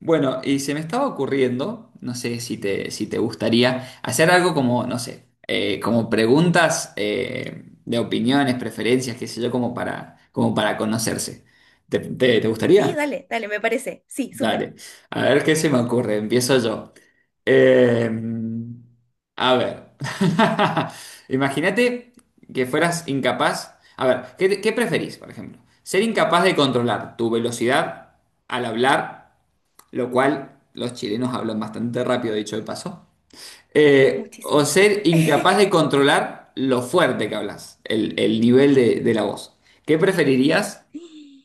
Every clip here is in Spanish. Bueno, y se me estaba ocurriendo, no sé si te gustaría, hacer algo como, no sé, como preguntas de opiniones, preferencias, qué sé yo, como para conocerse. ¿Te Sí, gustaría? dale, dale, me parece. Sí, súper. Dale. A ver qué se me ocurre. Empiezo yo. Eh, a ver. Imagínate que fueras incapaz. A ver, ¿qué preferís, por ejemplo? ¿Ser incapaz de controlar tu velocidad al hablar? Lo cual los chilenos hablan bastante rápido, dicho de paso, o Muchísimo. ser incapaz de controlar lo fuerte que hablas, el nivel de la voz. ¿Qué preferirías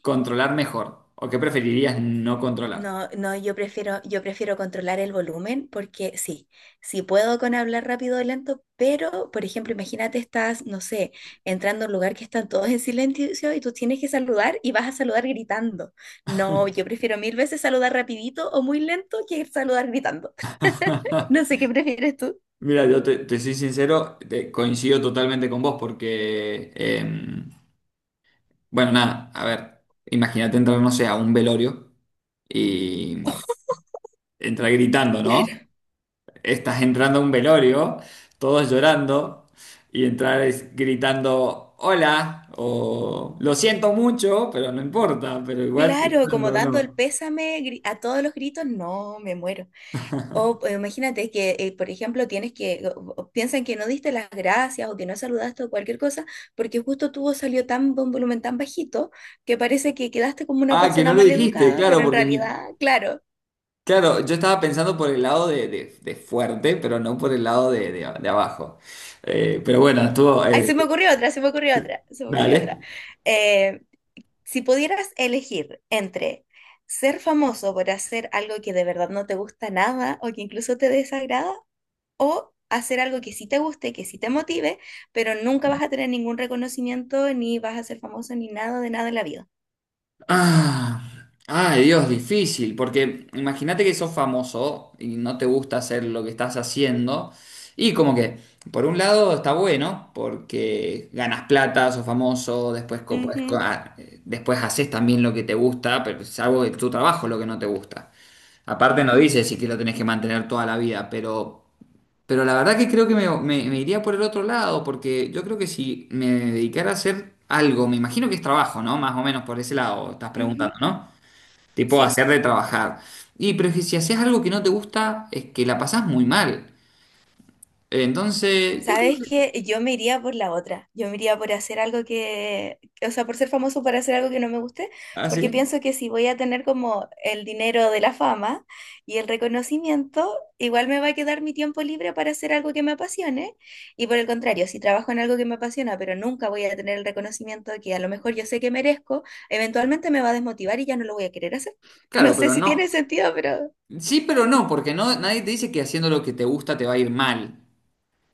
controlar mejor o qué preferirías no controlar? No, no, yo prefiero controlar el volumen porque sí, sí puedo con hablar rápido o lento, pero, por ejemplo, imagínate estás, no sé, entrando a un lugar que están todos en silencio y tú tienes que saludar y vas a saludar gritando. No, yo prefiero mil veces saludar rapidito o muy lento que saludar gritando. No sé qué prefieres tú. Mira, yo te soy sincero, coincido totalmente con vos porque, bueno, nada, a ver, imagínate entrar, no sé, a un velorio y entrar gritando, ¿no? Claro, Estás entrando a un velorio, todos llorando, y gritando hola, o lo siento mucho, pero no importa, pero igual claro, como gritando, dando el no. pésame a todos los gritos, no, me muero. O Imagínate que, por ejemplo, tienes que, o piensan que no diste las gracias o que no saludaste o cualquier cosa, porque justo tu voz salió tan de un volumen tan bajito que parece que quedaste como una Ah, que persona no lo mal dijiste, educada, pero claro, en porque mi, realidad, claro. claro, yo estaba pensando por el lado de, de fuerte, pero no por el lado de, de abajo. Pero bueno, estuvo, Ay, se me ocurrió otra, se me ocurrió otra, se me ocurrió dale. otra. Eh, si pudieras elegir entre ser famoso por hacer algo que de verdad no te gusta nada o que incluso te desagrada, o hacer algo que sí te guste, que sí te motive, pero nunca vas a tener ningún reconocimiento, ni vas a ser famoso, ni nada de nada en la vida. Ah, ay, Dios, difícil, porque imagínate que sos famoso y no te gusta hacer lo que estás haciendo. Y como que, por un lado está bueno, porque ganas plata, sos famoso, después, Ujú, después haces también lo que te gusta, pero es algo de tu trabajo lo que no te gusta. Aparte no ujú, dices si que lo tenés que mantener toda la vida, pero... Pero la verdad que creo que me, me iría por el otro lado, porque yo creo que si me dedicara a hacer algo, me imagino que es trabajo, ¿no? Más o menos por ese lado estás preguntando, ujú. ¿no? Tipo Sí. hacer de trabajar. Y pero es que si haces algo que no te gusta, es que la pasás muy mal. Entonces, yo creo ¿Sabes que... qué? Yo me iría por la otra. Yo me iría por hacer algo que, o sea, por ser famoso para hacer algo que no me guste, ¿Ah, porque sí? pienso que si voy a tener como el dinero de la fama y el reconocimiento, igual me va a quedar mi tiempo libre para hacer algo que me apasione. Y por el contrario, si trabajo en algo que me apasiona, pero nunca voy a tener el reconocimiento que a lo mejor yo sé que merezco, eventualmente me va a desmotivar y ya no lo voy a querer hacer. No Claro, sé pero si tiene no. sentido, pero... Sí, pero no, porque no, nadie te dice que haciendo lo que te gusta te va a ir mal.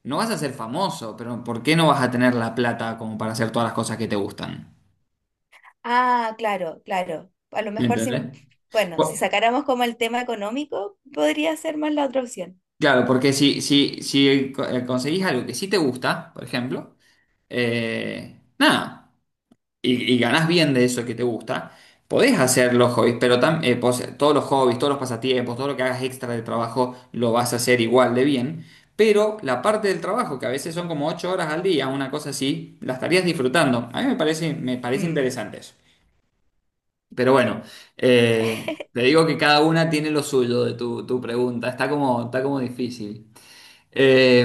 No vas a ser famoso, pero ¿por qué no vas a tener la plata como para hacer todas las cosas que te gustan? Ah, claro, claro. A lo ¿Me mejor si, entendés? bueno, si Por- sacáramos como el tema económico, podría ser más la otra opción. Claro, porque si conseguís algo que sí te gusta, por ejemplo, nada, y ganás bien de eso que te gusta, podés hacer los hobbies, pero todos los hobbies, todos los pasatiempos, todo lo que hagas extra del trabajo, lo vas a hacer igual de bien, pero la parte del trabajo, que a veces son como 8 horas al día, una cosa así, la estarías disfrutando. A mí me parece Mm. interesante eso. Pero bueno, eh, te digo que cada una tiene lo suyo de tu pregunta, está como difícil. Eh,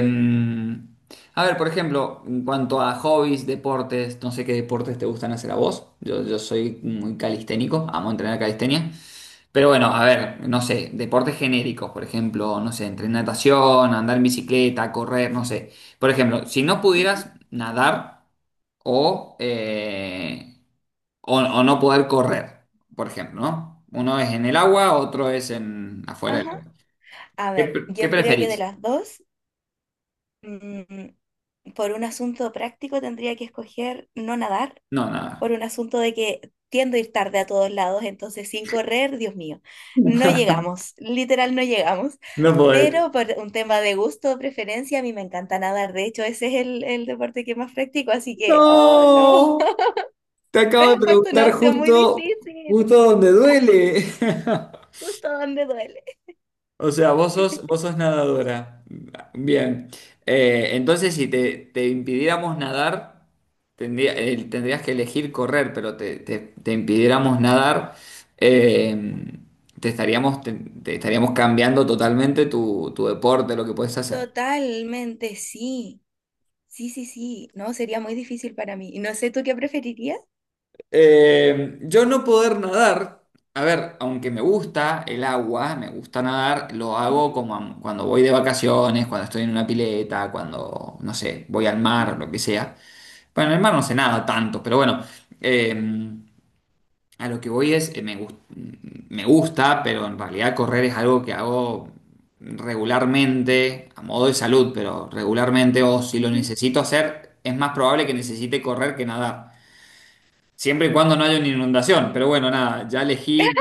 a ver, por ejemplo, en cuanto a hobbies, deportes, no sé qué deportes te gustan hacer a vos. Yo soy muy calisténico, amo entrenar calistenia. Pero bueno, a ver, no sé, deportes genéricos, por ejemplo, no sé, entrenar natación, andar en bicicleta, correr, no sé. Por ejemplo, si no Ujú. pudieras nadar o, o no poder correr, por ejemplo, ¿no? Uno es en el agua, otro es en afuera del Ajá. agua. A ¿Qué, ver, pre- qué yo creo que de preferís? las dos, mm, por un asunto práctico tendría que escoger no nadar, No, por nada. un asunto de que tiendo a ir tarde a todos lados, entonces sin correr, Dios mío, no llegamos, literal no llegamos. No podés. Pero por un tema de gusto o preferencia, a mí me encanta nadar. De hecho, ese es el deporte que más practico, así No, que, oh no. te acabo de Pero fue una preguntar opción muy justo, difícil, justo donde duele. justo donde duele. O sea, vos sos nadadora. Bien. Entonces, si te, te impidiéramos nadar, tendrías que elegir correr, pero te impidiéramos nadar, eh, te estaríamos, te, te estaríamos cambiando totalmente tu deporte, lo que puedes hacer. Totalmente, sí. Sí, sí, sí. No, sería muy difícil para mí. Y no sé, ¿tú qué preferirías? Yo no poder nadar, a ver, aunque me gusta el agua, me gusta nadar, lo hago Ujú, cuando voy de vacaciones, cuando estoy en una pileta, cuando, no sé, voy al mar o ujú, lo que sea. Bueno, en el mar no sé nada tanto, pero bueno, eh, a lo que voy es, me gusta, pero en realidad correr es algo que hago regularmente, a modo de salud, pero regularmente, o si lo ujú, necesito hacer, es más probable que necesite correr que nadar. Siempre y cuando no haya una inundación, mm. pero bueno, nada,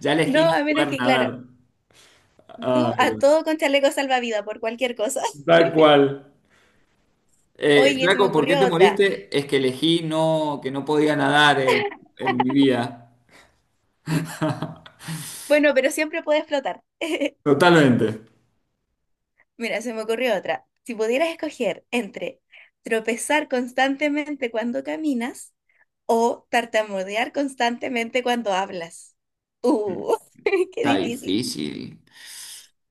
ya No, elegí no a menos poder que, claro, nadar. tú Ay, a Dios. todo con chaleco salvavidas por cualquier cosa. Tal cual. Oye, se me Flaco, ¿por qué ocurrió te otra. moriste? Es que elegí no, que no podía nadar en mi vida. Bueno, pero siempre puedes flotar. Totalmente. Mira, se me ocurrió otra. Si pudieras escoger entre tropezar constantemente cuando caminas o tartamudear constantemente cuando hablas. Uh, qué Está difícil. difícil.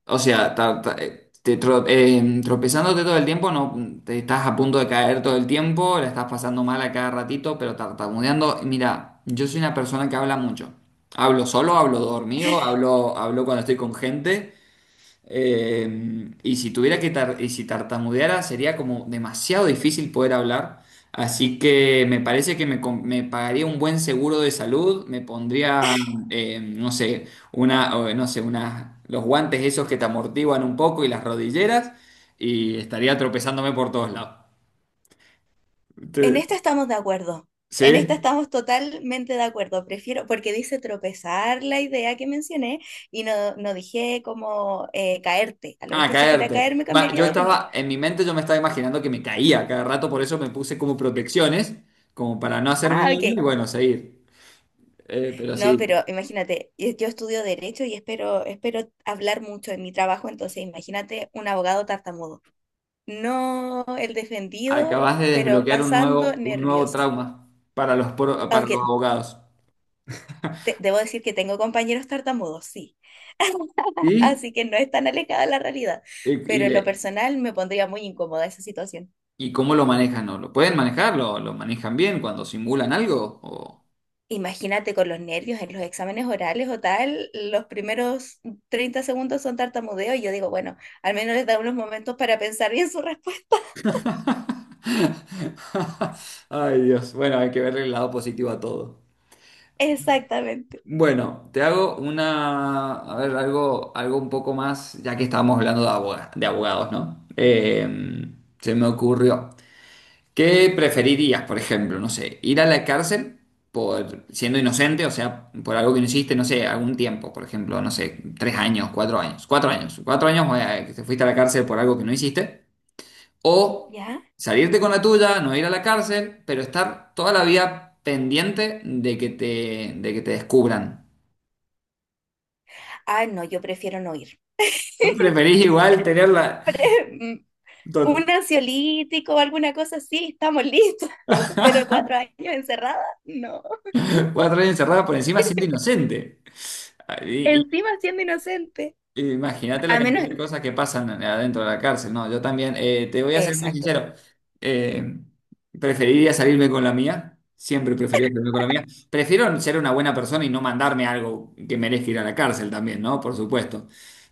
O sea, tropezándote todo el tiempo, no te estás a punto de caer todo el tiempo, la estás pasando mal a cada ratito, pero tartamudeando. Mira, yo soy una persona que habla mucho. Hablo solo, hablo dormido, hablo cuando estoy con gente. Y si tartamudeara sería como demasiado difícil poder hablar. Así que me parece que me, me pagaría un buen seguro de salud, me pondría, no sé, una, o, no sé, una, los guantes esos que te amortiguan un poco y las rodilleras y estaría tropezándome por todos lados. En Te- esta estamos de acuerdo. En esta ¿Sí? estamos totalmente de acuerdo. Prefiero, porque dice tropezar la idea que mencioné y no, no dije como caerte. A lo Ah, mejor si fuera a caerte. caer me Va, yo cambiaría de opinión. estaba, en mi mente yo me estaba imaginando que me caía cada rato, por eso me puse como protecciones, como para no hacerme Ah, ok. daño y bueno, seguir. Pero No, sí, pero imagínate, yo estudio derecho y espero hablar mucho en mi trabajo, entonces imagínate un abogado tartamudo. No el defendido, acabas de pero desbloquear pasando un nuevo nervios. trauma para para los Aunque abogados. Debo decir que tengo compañeros tartamudos, sí, ¿Y? así que no es tan alejada la realidad, Y, y pero en lo le- personal me pondría muy incómoda esa situación. ¿Y cómo lo manejan? ¿No? ¿Lo pueden manejar? Lo manejan bien cuando simulan algo? ¿O- Imagínate con los nervios en los exámenes orales o tal, los primeros 30 segundos son tartamudeo y yo digo, bueno, al menos les da unos momentos para pensar bien su respuesta. Ay, Dios. Bueno, hay que ver el lado positivo a todo. Exactamente. Bueno, te hago una, a ver, algo, algo un poco más, ya que estábamos hablando de de abogados, ¿no? Se me ocurrió. ¿Qué preferirías, por ejemplo? No sé, ir a la cárcel por siendo inocente, o sea, por algo que no hiciste, no sé, algún tiempo, por ejemplo, no sé, tres años, cuatro años, cuatro años, cuatro años que te fuiste a la cárcel por algo que no hiciste, o ¿Ya? salirte con la tuya, no ir a la cárcel, pero estar toda la vida pendiente de que te descubran. Ah, no, yo prefiero no ir. ¿No ¿Preferís igual tenerla Mm, to- un ansiolítico o alguna cosa así, estamos listos, pero 4 años encerrada, no. 4 años encerrada por encima siendo inocente? Encima siendo inocente. Imagínate la A menos, cantidad de cosas que pasan adentro de la cárcel. No, yo también, te voy a ser muy exacto, sincero, eh, preferiría salirme con la mía, siempre he preferido salirme con la mía. Prefiero ser una buena persona y no mandarme algo que merezca ir a la cárcel también, ¿no? Por supuesto.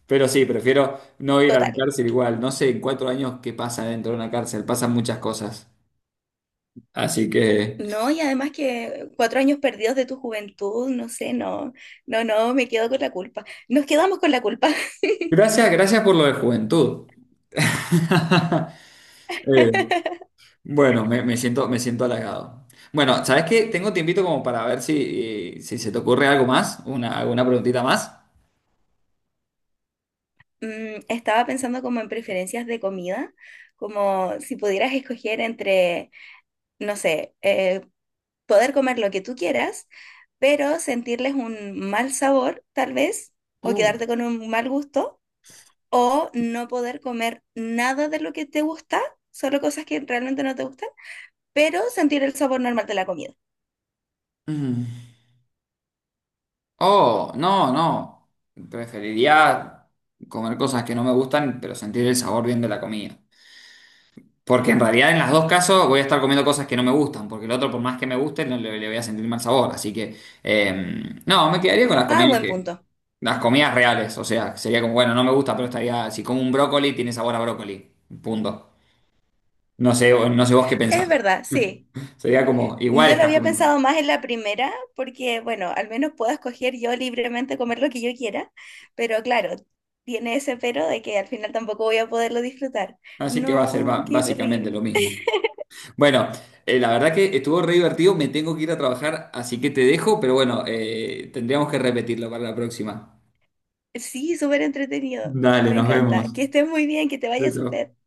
Pero sí, prefiero no ir a la total. cárcel igual. No sé en 4 años qué pasa dentro de una cárcel, pasan muchas cosas. Así que, No, y además que 4 años perdidos de tu juventud, no sé, no, no, no, me quedo con la culpa. Nos quedamos con la culpa. gracias, gracias por lo de juventud. Eh, bueno, me siento halagado. Bueno, ¿sabes qué? Tengo tiempito como para ver si, si se te ocurre algo más, una, alguna preguntita más. Mm, estaba pensando como en preferencias de comida, como si pudieras escoger entre, no sé, poder comer lo que tú quieras, pero sentirles un mal sabor, tal vez, o Oh, quedarte con un mal gusto, o no poder comer nada de lo que te gusta, solo cosas que realmente no te gustan, pero sentir el sabor normal de la comida. mm. Oh, no, no. Preferiría comer cosas que no me gustan, pero sentir el sabor bien de la comida. Porque en realidad en los dos casos voy a estar comiendo cosas que no me gustan, porque el otro por más que me guste no le voy a sentir mal sabor. Así que no, me quedaría con las Ah, comidas buen que, punto. las comidas reales. O sea, sería como, bueno, no me gusta, pero estaría, si como un brócoli, tiene sabor a brócoli. Punto. No sé, no sé vos qué Es pensás. verdad, sí. Sería como, igual Yo lo estás había comiendo. pensado más en la primera porque, bueno, al menos puedo escoger yo libremente comer lo que yo quiera, pero claro, tiene ese pero de que al final tampoco voy a poderlo disfrutar. Así que va a ser No, qué básicamente lo terrible. mismo. Bueno, la verdad que estuvo re divertido, me tengo que ir a trabajar, así que te dejo, pero bueno, tendríamos que repetirlo para la próxima. Sí, súper entretenido. Dale, Me nos vemos. encanta. Que estés muy bien, que te Chao, vaya súper. chao.